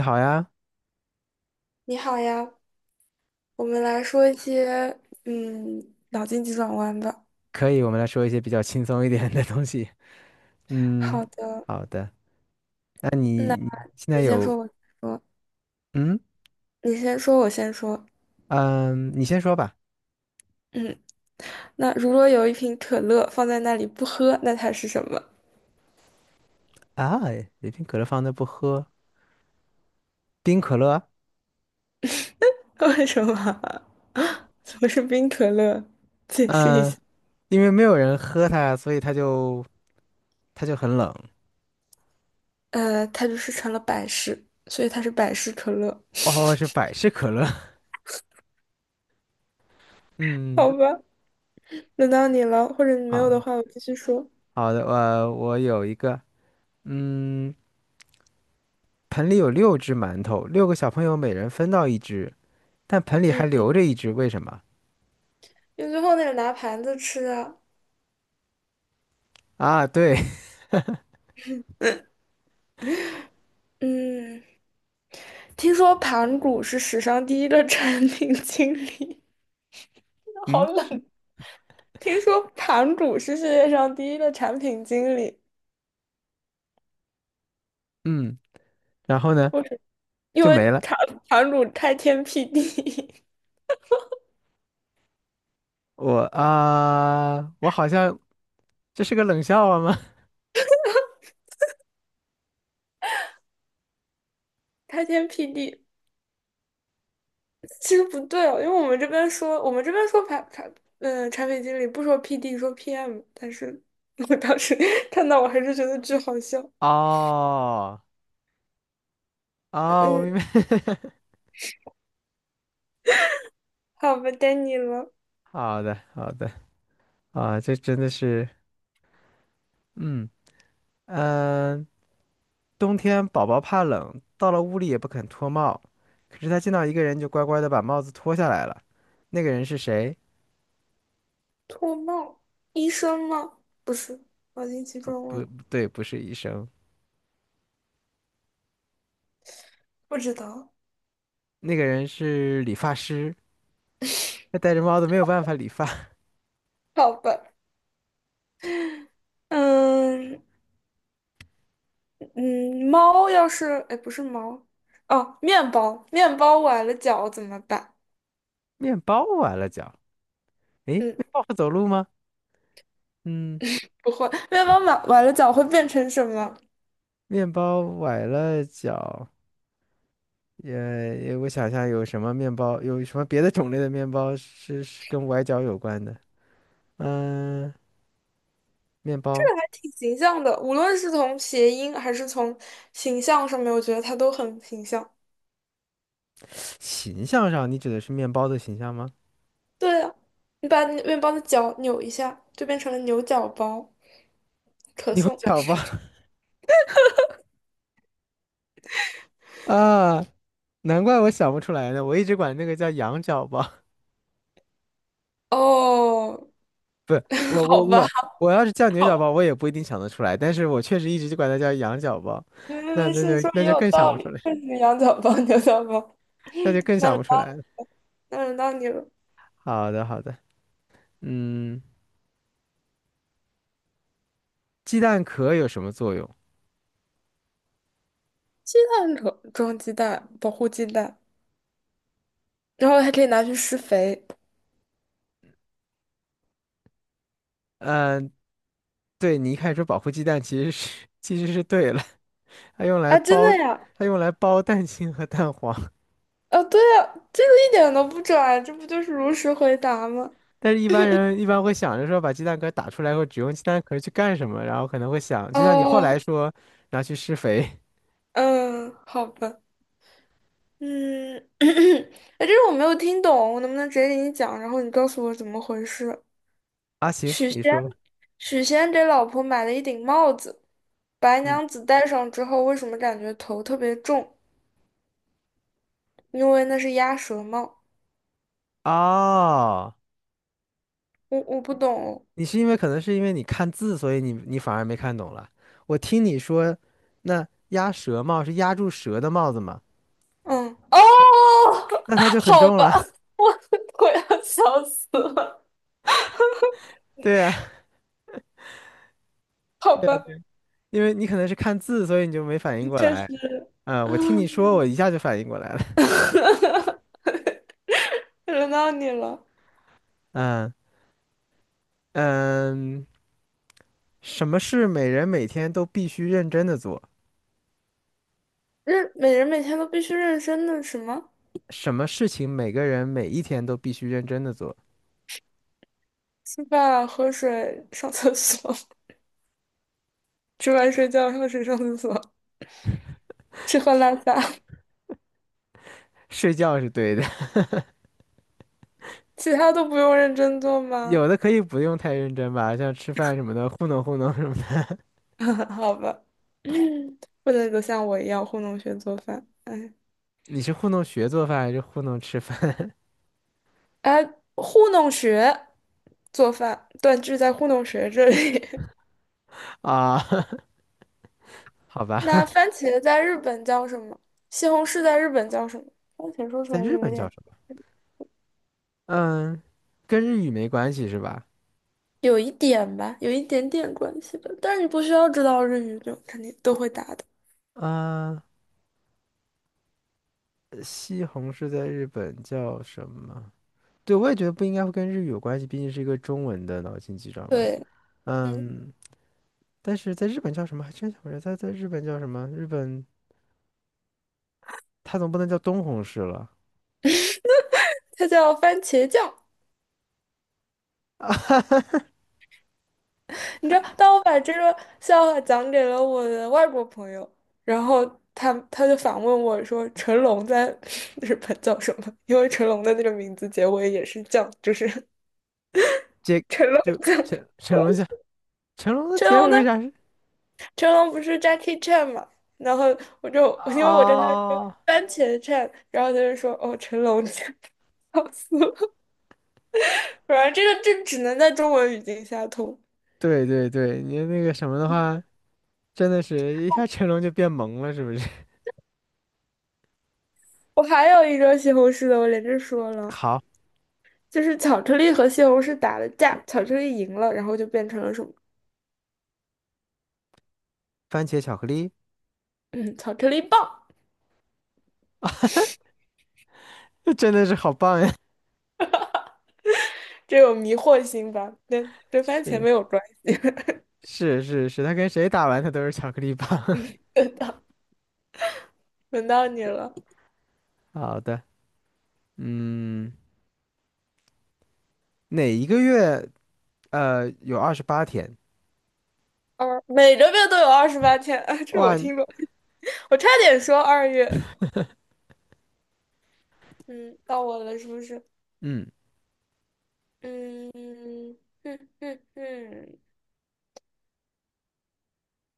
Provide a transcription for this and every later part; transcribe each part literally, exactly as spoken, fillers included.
你好呀，你好呀，我们来说一些嗯脑筋急转弯吧。可以，我们来说一些比较轻松一点的东西。嗯，好的，好的。那你那你现在你先有说，我先说，嗯你先说，我先说。嗯，你先说吧。嗯，那如果有一瓶可乐放在那里不喝，那它是什么？啊，有瓶可乐放那不喝，冰可乐？为什么啊？怎么是冰可乐？解释一嗯，下。因为没有人喝它，所以它就它就很冷。呃，它就是成了百事，所以它是百事可乐。哦，是百事可乐。嗯，好吧，轮到你了，或者你没有好的的话，我继续说。好的，我我有一个，嗯，盆里有六只馒头，六个小朋友每人分到一只，但盆里还嗯，留着一只，为什么？因为最后那个拿盘子吃啊。啊，对，嗯。嗯听说盘古是史上第一个 产品经理，好嗯，是，冷。听说盘古是世界上第一个产品经理，嗯。然后呢为什么？因就为没了。盘盘古开天辟地，我啊，我好像这是个冷笑话吗？开天辟地。其实不对哦，因为我们这边说，我们这边说盘盘，嗯、产品经理不说 P D,说 P M。但是我当时 看到，我还是觉得巨好笑。哦，哦，我嗯，明白。好吧，该你了。好的，好的，啊，这真的是，嗯嗯、呃冬天宝宝怕冷，到了屋里也不肯脱帽，可是他见到一个人就乖乖的把帽子脱下来了。那个人是谁？脱帽，医生吗？不是，脑筋急不，转不弯，对，不是医生，不知道。那个人是理发师。他 戴着帽子没有办法理发，好吧，嗯嗯，猫要是，哎，不是猫，哦，面包，面包崴了脚怎么办？面包完了脚。诶，嗯，面包会走路吗？嗯。不会，面包崴崴了脚会变成什么？面包崴了脚，也也我想想有什么面包，有什么别的种类的面包是是跟崴脚有关的？嗯，面包还挺形象的，无论是从谐音还是从形象上面，我觉得它都很形象。形象上，你指的是面包的形象吗？对啊，你把那面包的脚扭一下，就变成了牛角包，可牛颂。角包。 啊，难怪我想不出来呢，我一直管那个叫羊角包。哦，我 好我吧，我我要是叫牛角包，我也不一定想得出来，但是我确实一直就管它叫羊角包，没没那没那就事，说那也就有更想道不出理，来，就是羊角包，牛角包。那就更那想轮不出来到了。那轮到你了。好的好的，嗯，鸡蛋壳有什么作用？鸡蛋装装鸡蛋，保护鸡蛋，然后还可以拿去施肥嗯、呃对，你一开始说保护鸡蛋，其实是其实是对了，它用来啊！真包的呀？它用来包蛋清和蛋黄，啊，对呀，这个一点都不拽，这不就是如实回答吗？但是一般人一般会想着说把鸡蛋壳打出来或只用鸡蛋壳去干什么，然后可能会想，就像你后来哦，说拿去施肥。嗯，好吧，嗯，哎，这个我没有听懂，我能不能直接给你讲？然后你告诉我怎么回事？啊，行，许你仙，说，许仙给老婆买了一顶帽子，白嗯，娘子戴上之后，为什么感觉头特别重？因为那是鸭舌帽。哦，我我不懂哦。你是因为可能是因为你看字，所以你你反而没看懂了。我听你说，那鸭舌帽是压住蛇的帽子嘛？嗯，哦，那它就 很好重吧，了，我我要笑死了，对呀，好吧，因为你可能是看字，所以你就没反应过确来。实。嗯，我听你说，我一下就反应过来了。轮到你了。嗯，嗯，什么事每人每天都必须认真的做？认，每人每天都必须认真的什么？什么事情每个人每一天都必须认真的做？吃饭、喝水、上厕所，吃饭、睡觉、喝水、上厕所，吃喝拉撒。睡觉是对的，其他都不用认真做吗？有的可以不用太认真吧，像吃饭什么的，糊弄糊弄什么的。好吧，嗯不能够像我一样糊弄学做饭。哎，你是糊弄学做饭还是糊弄吃饭？ 哎，糊弄学做饭，断句在糊弄学这里。啊？好吧，那番茄在日本叫什么？西红柿在日本叫什么？番茄说出在来就日有本叫点，什么？嗯，跟日语没关系是吧？有一点吧，有一点点关系吧。但是你不需要知道日语，就肯定都会答的。啊，西红柿在日本叫什么？对，我也觉得不应该会跟日语有关系，毕竟是一个中文的脑筋急转弯。对，嗯，嗯，但是在日本叫什么？还真想不起来，在在日本叫什么？日本它总不能叫东红市了，它叫番茄酱。你知道，当我把这个笑话讲给了我的外国朋友，然后他他就反问我说："成龙在 日本叫什么？"因为成龙的那个名字结尾也是酱，就是 结 成龙。就成成龙像成龙的成结尾龙为的啥是？成龙不是 Jackie Chan 嘛，然后我就我因为我跟他说啊？番茄 Chan,然后他就说哦成龙 c 笑死我！反正这个这只能在中文语境下通。对对对，你那个什么的话，真的是一下成龙就变萌了，是不是？我还有一个西红柿的，我连着 说了，好，就是巧克力和西红柿打了架，巧克力赢了，然后就变成了什么？番茄巧克力，嗯，巧克力棒。真的是好棒呀！这有迷惑性吧？跟 跟番茄是没有关系。是是是，他跟谁打完他都是巧克力棒。轮到你了。好的，嗯，哪一个月呃有二十八天？二每个月都有二十八天啊，这我哇，听过，我差点说二月。嗯，到我了，是不是？嗯嗯哼哼哼，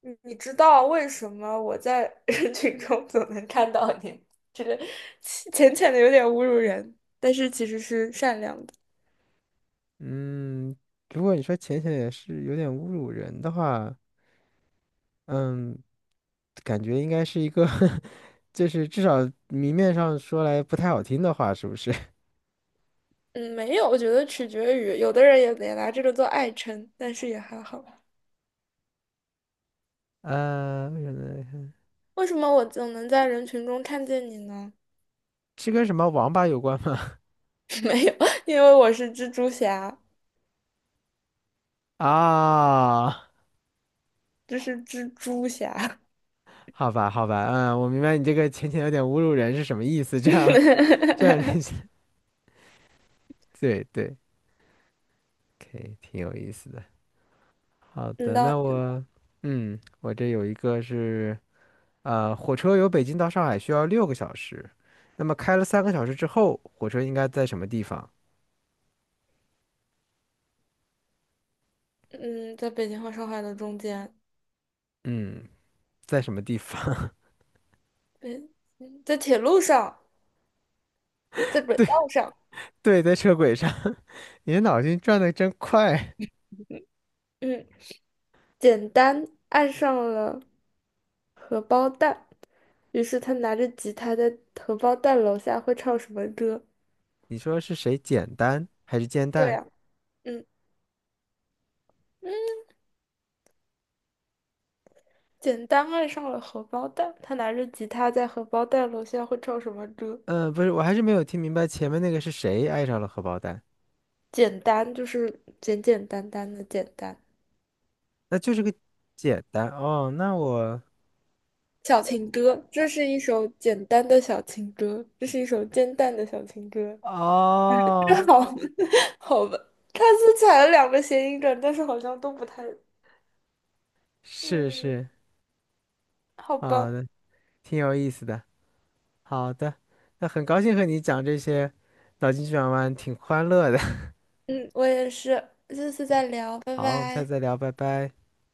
你你知道为什么我在 人群中总能看到你？这个浅浅浅的有点侮辱人，但是其实是善良的。嗯，如果你说浅浅也是有点侮辱人的话，嗯，感觉应该是一个 就是至少明面上说来不太好听的话，是不是？嗯，没有，我觉得取决于有的人也也拿这个做爱称，但是也还好。呃，为什么呢？为什么我总能在人群中看见你呢？是跟什么王八有关吗？没有，因为我是蜘蛛侠，啊，这是蜘蛛侠。好吧，好吧，嗯，我明白你这个浅浅有点侮辱人是什么意思，这样这样联系，对对，可以，挺有意思的。好嗯，的，到那我，嗯，我这有一个是。呃，火车由北京到上海需要六个小时，那么开了三个小时之后，火车应该在什么地方？嗯，在北京和上海的中间。嗯，在什么地方？嗯，嗯在铁路上，在 轨对道上，对，在车轨上。你的脑筋转得真快。嗯，简单爱上了荷包蛋，于是他拿着吉他在荷包蛋楼下会唱什么歌？你说是谁简单还是煎对蛋？呀，嗯，简单爱上了荷包蛋，他拿着吉他在荷包蛋楼下会唱什么歌？嗯、不是，我还是没有听明白前面那个是谁爱上了荷包蛋。简单就是简简单单的简单。那就是个简单哦。那我小情歌，这是一首简单的小情歌，这是一首煎蛋的小情歌。哦，好，好吧，他是踩了两个谐音梗，但是好像都不太。是嗯，是好啊，吧，那挺有意思的。好的，那很高兴和你讲这些脑筋急转弯，挺欢乐的。嗯，我也是，下次再聊，拜好，我们下次拜。再聊，拜拜。